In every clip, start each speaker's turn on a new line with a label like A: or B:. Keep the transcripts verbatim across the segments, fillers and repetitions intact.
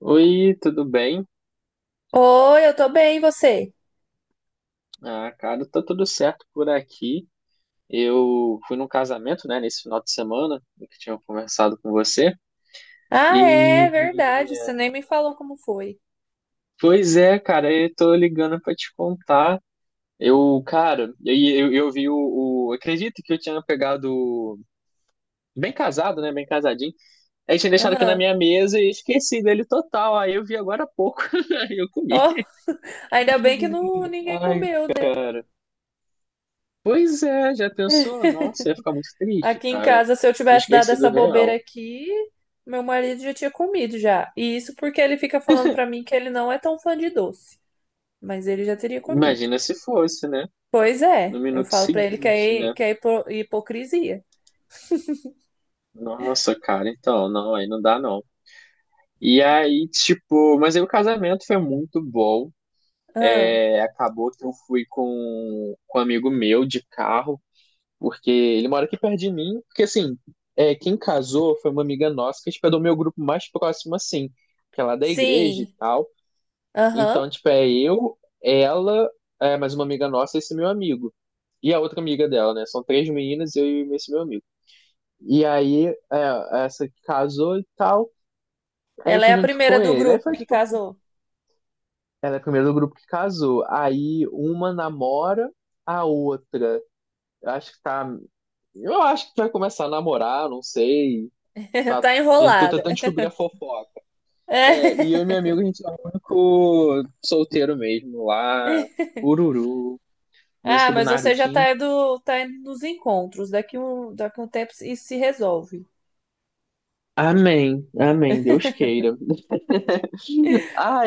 A: Oi, tudo bem?
B: Oi, eu tô bem, e você?
A: Ah, cara, tá tudo certo por aqui. Eu fui num casamento, né, nesse final de semana, do que tinha conversado com você.
B: Ah, é
A: E,
B: verdade, você nem me falou como foi.
A: Pois é, cara, eu tô ligando pra te contar. Eu, cara, eu, eu, eu vi o, o- Acredito que eu tinha pegado. o- Bem casado, né? Bem casadinho. Aí tinha deixado aqui na
B: Aham.
A: minha mesa e esqueci dele total. Aí eu vi agora há pouco. Aí eu comi.
B: Ó, ainda bem que não, ninguém
A: Ai,
B: comeu, né?
A: pois é, já pensou? Nossa, ia ficar muito triste,
B: Aqui em
A: cara.
B: casa, se eu
A: Tinha
B: tivesse dado
A: esquecido
B: essa
A: o
B: bobeira
A: real.
B: aqui, meu marido já tinha comido já. E isso porque ele fica falando pra mim que ele não é tão fã de doce, mas ele já teria comido.
A: Imagina se fosse, né?
B: Pois
A: No
B: é, eu
A: minuto
B: falo pra ele que
A: seguinte,
B: é,
A: né?
B: que é hipo- hipocrisia.
A: Nossa, cara, então, não, aí não dá não. E aí, tipo, mas aí o casamento foi muito bom.
B: Ah,
A: É, acabou que eu fui com, com um amigo meu de carro, porque ele mora aqui perto de mim. Porque assim, é, quem casou foi uma amiga nossa que, tipo, é do meu grupo mais próximo, assim, que é lá da igreja e
B: sim,
A: tal.
B: aham.
A: Então, tipo, é eu, ela, é, mais uma amiga nossa e esse meu amigo. E a outra amiga dela, né? São três meninas, eu e esse meu amigo. E aí, é, essa que casou e tal. Aí eu
B: Ela é
A: fui
B: a
A: junto com
B: primeira do
A: ele. Aí
B: grupo
A: foi,
B: que
A: tipo,
B: casou.
A: ela é a primeira do grupo que casou. Aí uma namora a outra. Eu acho que tá. Eu acho que vai começar a namorar, não sei. Tá, a
B: Tá
A: gente, tô
B: enrolada.
A: tentando descobrir a fofoca. É, e eu
B: É.
A: e meu amigo, a gente é o único solteiro mesmo lá. Ururu.
B: Ah,
A: Música do
B: mas você já
A: Narutinho.
B: tá indo, tá indo nos encontros. Daqui um, daqui um tempo isso se resolve.
A: Amém, amém, Deus queira.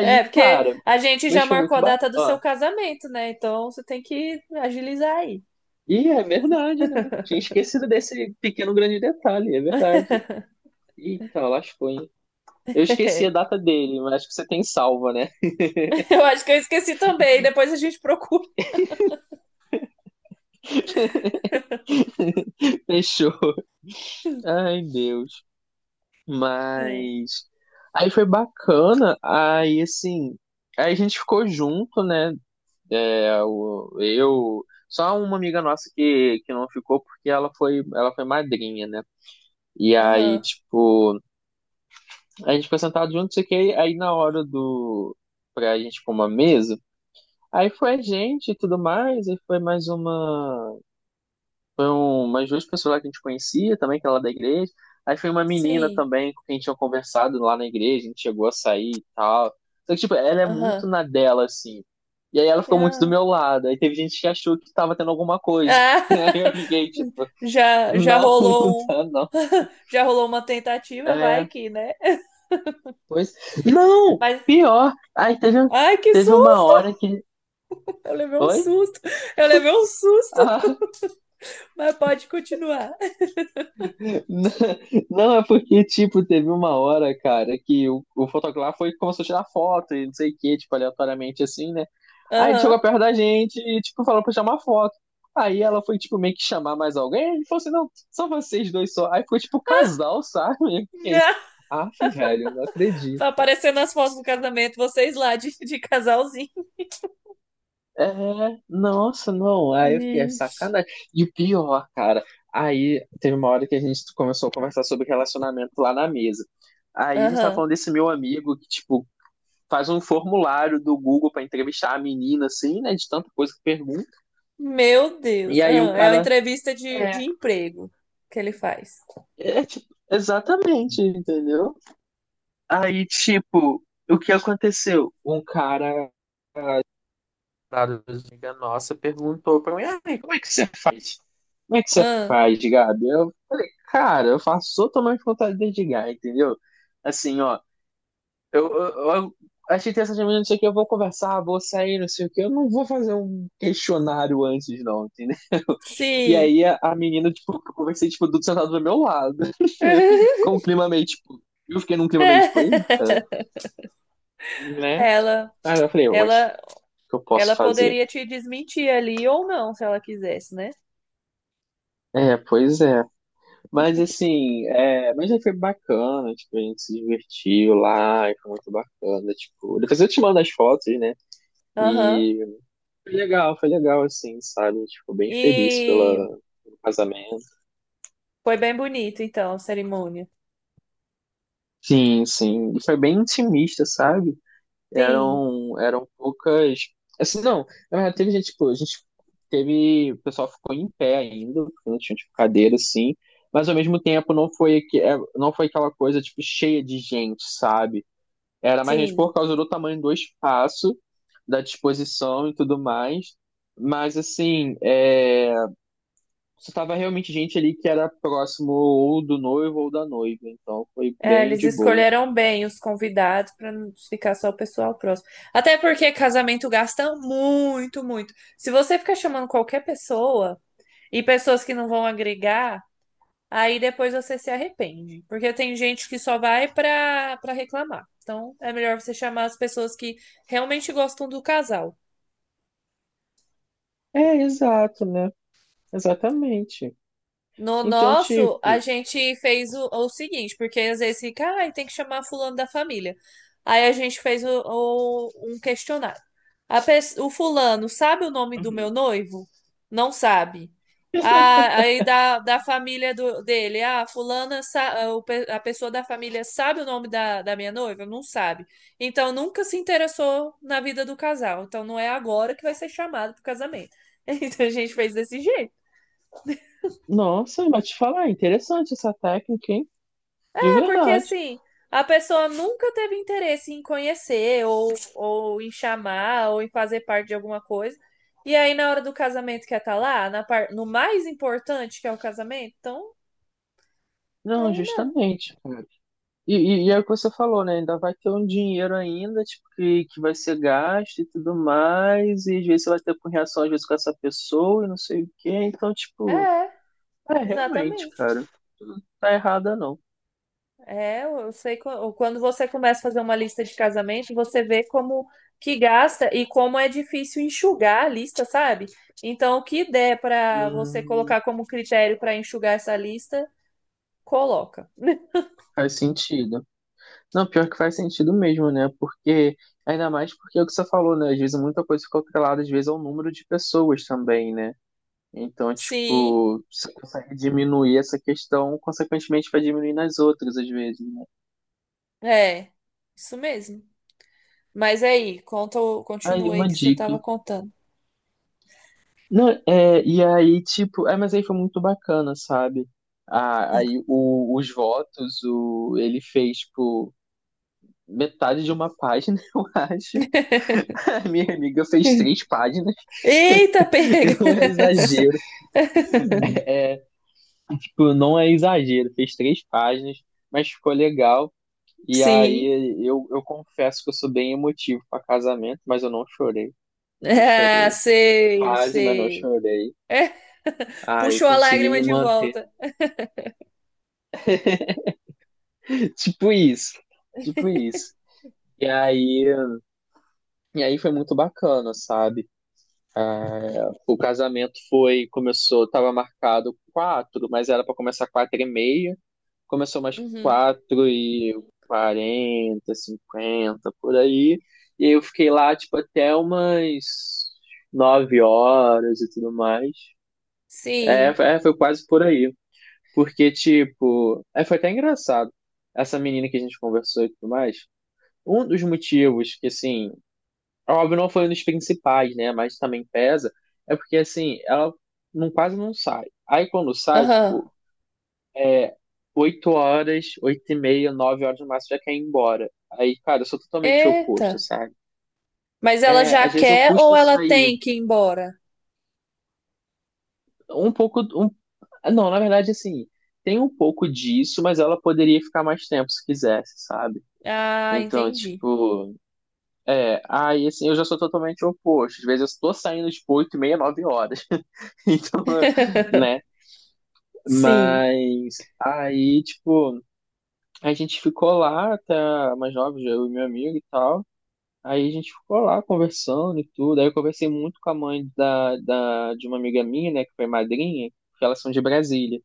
B: É, porque
A: cara,
B: a gente já
A: mas foi
B: marcou
A: muito
B: a
A: bacana.
B: data do seu
A: Ó,
B: casamento, né? Então você tem que agilizar aí.
A: e é verdade, né? Tinha esquecido desse pequeno grande detalhe, é verdade. Eita, lascou, hein? Eu esqueci a data dele, mas acho que você tem salva, né?
B: Eu acho que eu esqueci também. Depois a gente procura.
A: Fechou. Ai, Deus.
B: É.
A: Mas. Aí foi bacana, aí assim. Aí a gente ficou junto, né? É, o- eu, só uma amiga nossa que, que não ficou porque ela foi, ela foi madrinha, né? E aí,
B: Aham.
A: tipo, a gente foi sentado junto, não sei o que, aí na hora do, pra gente pôr uma mesa, aí foi a gente e tudo mais, aí foi mais uma umas duas pessoas lá que a gente conhecia também, que era lá da igreja. Aí foi uma menina
B: Sim.
A: também com quem a gente tinha conversado lá na igreja, a gente chegou a sair e tal. Só que, tipo, ela é muito
B: Aham.
A: na dela, assim. E aí ela ficou muito do
B: Ah.
A: meu lado. Aí teve gente que achou que tava tendo alguma coisa.
B: Ah.
A: Aí eu fiquei, tipo,
B: Já, já
A: não, não
B: rolou um,
A: tá, não.
B: já rolou uma tentativa, vai
A: É,
B: que, né?
A: pois. Não!
B: Mas,
A: Pior! Aí teve,
B: ai, que
A: teve uma
B: susto!
A: hora que.
B: Eu levei um
A: Oi?
B: susto. Eu levei um susto,
A: Ah,
B: mas pode continuar.
A: Não, não, é porque, tipo, teve uma hora, cara, que o, o fotógrafo foi e começou a tirar foto e não sei o que, tipo, aleatoriamente assim, né? Aí ele
B: Aham.
A: chegou perto da gente e, tipo, falou pra chamar foto. Aí ela foi, tipo, meio que chamar mais alguém. Ele falou assim: não, são vocês dois só. Aí ficou, tipo, casal, sabe? Eu fiquei,
B: Ah,
A: af, velho, não
B: tá
A: acredito.
B: aparecendo as fotos do casamento, vocês lá de, de casalzinho.
A: É, nossa, não. Aí eu fiquei, é
B: Ixi.
A: sacanagem. E o pior, cara, aí teve uma hora que a gente começou a conversar sobre relacionamento lá na mesa. Aí a gente tava
B: Aham.
A: falando desse meu amigo que, tipo, faz um formulário do Google pra entrevistar a menina, assim, né? De tanta coisa que pergunta.
B: Meu
A: E
B: Deus.
A: aí o
B: Ah, é uma
A: cara.
B: entrevista de, de
A: É,
B: emprego que ele faz.
A: é tipo, exatamente, entendeu? Aí, tipo, o que aconteceu? Um cara namorada amiga nossa perguntou pra mim: "Ai, como é que você faz? Como é que você
B: Ah,
A: faz, Gabi?" Eu falei, cara, eu faço totalmente vontade de dedicar, entendeu? Assim, ó, eu, eu, eu achei interessante, mas não sei o que, eu vou conversar, vou sair, não sei o que, eu não vou fazer um questionário antes, não, entendeu? E
B: sim.
A: aí a, a menina, tipo, eu conversei, tipo, tudo sentado do meu lado, com o clima meio, tipo, eu fiquei num clima meio, tipo, eita, né?
B: Ela,
A: Aí eu falei, oxe,
B: ela,
A: o que eu posso
B: ela
A: fazer?
B: poderia te desmentir ali ou não, se ela quisesse, né?
A: É, pois é. Mas assim, é, mas aí foi bacana, tipo, a gente se divertiu lá, e foi muito bacana, tipo, depois eu te mando as fotos, né?
B: Aham.
A: E foi legal, foi legal, assim, sabe? Tipo, bem feliz pela,
B: E
A: pelo casamento.
B: foi bem bonito, então, a cerimônia.
A: Sim, sim. E foi bem intimista, sabe?
B: Sim,
A: Eram, eram poucas. Assim, não, na verdade, teve gente, tipo, a gente teve. O pessoal ficou em pé ainda, porque não tinha, tipo, cadeira, assim. Mas ao mesmo tempo não foi, aque- é, não foi aquela coisa, tipo, cheia de gente, sabe? Era mais gente
B: sim.
A: por causa do tamanho do espaço, da disposição e tudo mais. Mas assim, é, só tava realmente gente ali que era próximo ou do noivo ou da noiva. Então foi
B: É,
A: bem
B: eles
A: de boa.
B: escolheram bem os convidados para não ficar só o pessoal próximo. Até porque casamento gasta muito, muito. Se você ficar chamando qualquer pessoa e pessoas que não vão agregar, aí depois você se arrepende. Porque tem gente que só vai para para reclamar. Então é melhor você chamar as pessoas que realmente gostam do casal.
A: É, exato, né? Exatamente.
B: No
A: Então,
B: nosso, a
A: tipo.
B: gente fez o, o seguinte, porque às vezes fica, ai, tem que chamar fulano da família. Aí a gente fez o, o- um questionário. A pes- o fulano sabe o nome do meu
A: uhum.
B: noivo? Não sabe. Ah, aí da, da família do, dele, ah, fulana, sa- ah, o pe- a pessoa da família sabe o nome da, da minha noiva? Não sabe. Então nunca se interessou na vida do casal. Então não é agora que vai ser chamado pro casamento. Então a gente fez desse jeito.
A: Nossa, mas te falar, interessante essa técnica, hein? De
B: Porque
A: verdade.
B: assim, a pessoa nunca teve interesse em conhecer, ou, ou em chamar, ou em fazer parte de alguma coisa. E aí, na hora do casamento, quer estar lá, na par... no mais importante que é o casamento, então
A: Não,
B: aí não.
A: justamente. E, e, e é o que você falou, né? Ainda vai ter um dinheiro ainda, tipo, que, que vai ser gasto e tudo mais, e às vezes você vai ter com reação, às vezes, com essa pessoa e não sei o quê. Então, tipo,
B: É,
A: é, realmente,
B: exatamente.
A: cara, tá errada não.
B: É, eu eu sei qu- quando você começa a fazer uma lista de casamento, você vê como que gasta e como é difícil enxugar a lista, sabe? Então, o que der para você
A: Hum,
B: colocar como critério para enxugar essa lista, coloca.
A: Faz sentido. Não, pior que faz sentido mesmo, né? Porque, ainda mais porque é o que você falou, né? Às vezes muita coisa fica atrelada, às vezes, ao número de pessoas também, né? Então,
B: Sim,
A: tipo, você consegue diminuir essa questão, consequentemente vai diminuir nas outras, às vezes, né?
B: é, isso mesmo. Mas é aí, conta, o-
A: Aí,
B: continua aí
A: uma
B: que você estava
A: dica.
B: contando.
A: Não, é, e aí, tipo, é, mas aí foi muito bacana, sabe? Ah, aí o- os votos, o, ele fez, tipo, metade de uma página, eu acho. A minha amiga fez três páginas,
B: Eita,
A: e
B: pega!
A: não é exagero, tipo, não é exagero, fez três páginas, mas ficou legal. E aí
B: Sim.
A: eu, eu confesso que eu sou bem emotivo pra casamento, mas eu não chorei, não
B: Ah,
A: chorei.
B: sei,
A: Quase, mas não
B: sei.
A: chorei.
B: É.
A: Ah, eu
B: Puxou a
A: consegui
B: lágrima
A: me
B: de
A: manter.
B: volta.
A: Tipo isso. Tipo isso. E aí, e aí foi muito bacana, sabe? O casamento foi, começou, tava marcado quatro, mas era para começar quatro e meia. Começou umas
B: Uhum.
A: quatro e quarenta, cinquenta, por aí. E aí eu fiquei lá, tipo, até umas nove horas e tudo mais. É,
B: Sim.
A: foi- é, foi quase por aí. Porque, tipo, é, foi até engraçado. Essa menina que a gente conversou e tudo mais. Um dos motivos que, assim, óbvio, não foi um dos principais, né? Mas também pesa. É porque, assim, ela não, quase não sai. Aí quando sai,
B: Aham.
A: tipo, é oito horas, oito e meia, nove horas no máximo, já quer ir embora. Aí, cara, eu sou totalmente oposto,
B: Eita.
A: sabe?
B: Mas ela
A: É,
B: já
A: às vezes eu
B: quer ou
A: custo a
B: ela
A: sair.
B: tem que ir embora?
A: Um pouco. Um... Não, na verdade, assim, tem um pouco disso, mas ela poderia ficar mais tempo se quisesse, sabe?
B: Ah,
A: Então,
B: entendi.
A: tipo, é, aí assim, eu já sou totalmente oposto. Às vezes eu estou saindo, tipo, oito e meia, nove horas. Então, né,
B: Sim.
A: Mas aí, tipo, a gente ficou lá até mais jovem, eu e meu amigo e tal. Aí a gente ficou lá conversando e tudo. Aí eu conversei muito com a mãe da, da, de uma amiga minha, né, que foi madrinha, porque elas são de Brasília.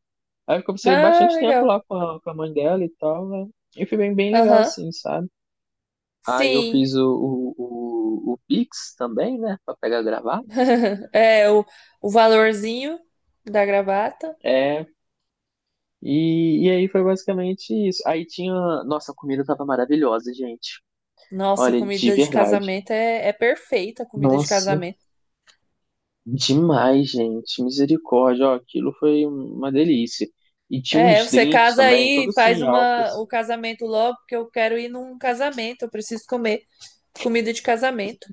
A: Aí eu conversei
B: Ah,
A: bastante tempo
B: legal.
A: lá com a, com a mãe dela e tal, né? E foi bem, bem legal,
B: Aham.
A: assim, sabe? Aí eu
B: Sim.
A: fiz o, o, o, o Pix também, né, pra pegar e gravar.
B: É, o, o valorzinho da gravata.
A: É, e, e aí foi basicamente isso. Aí tinha. Nossa, a comida tava maravilhosa, gente.
B: Nossa,
A: Olha, de
B: comida de
A: verdade.
B: casamento é, é perfeita, a comida de
A: Nossa,
B: casamento.
A: demais, gente. Misericórdia. Ó, aquilo foi uma delícia. E tinha
B: É,
A: uns
B: você
A: drinks
B: casa
A: também,
B: aí e
A: tudo
B: faz
A: sem álcool,
B: uma, o
A: assim.
B: casamento logo, porque eu quero ir num casamento, eu preciso comer comida de casamento.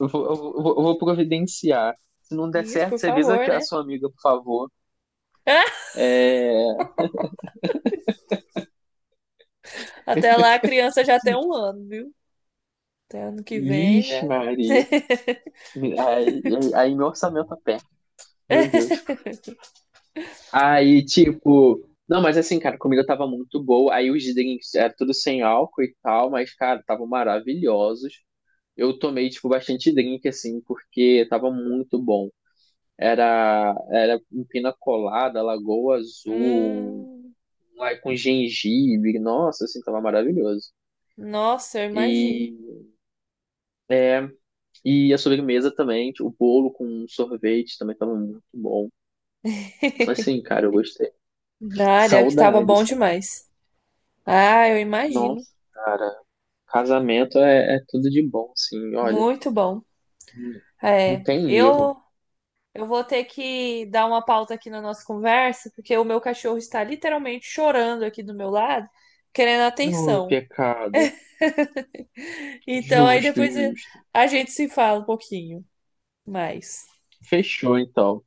A: Eu vou, eu vou, eu vou providenciar. Se não der
B: Isso, por
A: certo, você avisa
B: favor,
A: a
B: né?
A: sua amiga, por favor. É...
B: Até lá a criança já tem um ano, viu? Até ano que vem
A: Vixe,
B: já.
A: Maria. Aí, aí meu orçamento aperta. Meu Deus. Aí, tipo. Não, mas assim, cara, a comida tava muito boa. Aí os drinks era tudo sem álcool e tal, mas, cara, estavam maravilhosos. eu tomei, tipo, bastante drink, assim, porque tava muito bom. Era, era um pina colada, lagoa azul,
B: Hum,
A: lá com gengibre, nossa, assim, tava maravilhoso.
B: nossa, eu imagino.
A: E, e a sobremesa também, tipo, o bolo com sorvete também tava muito bom. Assim, cara, eu gostei.
B: Ah, deve que tava
A: Saudade,
B: bom
A: saudade.
B: demais. Ah, eu imagino.
A: Nossa, cara, casamento é, é tudo de bom, assim, olha,
B: Muito bom.
A: não não
B: É,
A: tem erro.
B: eu Eu vou ter que dar uma pausa aqui na nossa conversa, porque o meu cachorro está literalmente chorando aqui do meu lado, querendo
A: Ô,
B: atenção.
A: pecado.
B: Então, aí
A: Justo,
B: depois
A: justo.
B: a gente se fala um pouquinho mais.
A: Fechou, então.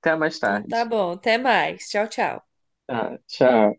A: Até mais
B: Então, tá
A: tarde.
B: bom. Até mais. Tchau, tchau.
A: Tá, tchau.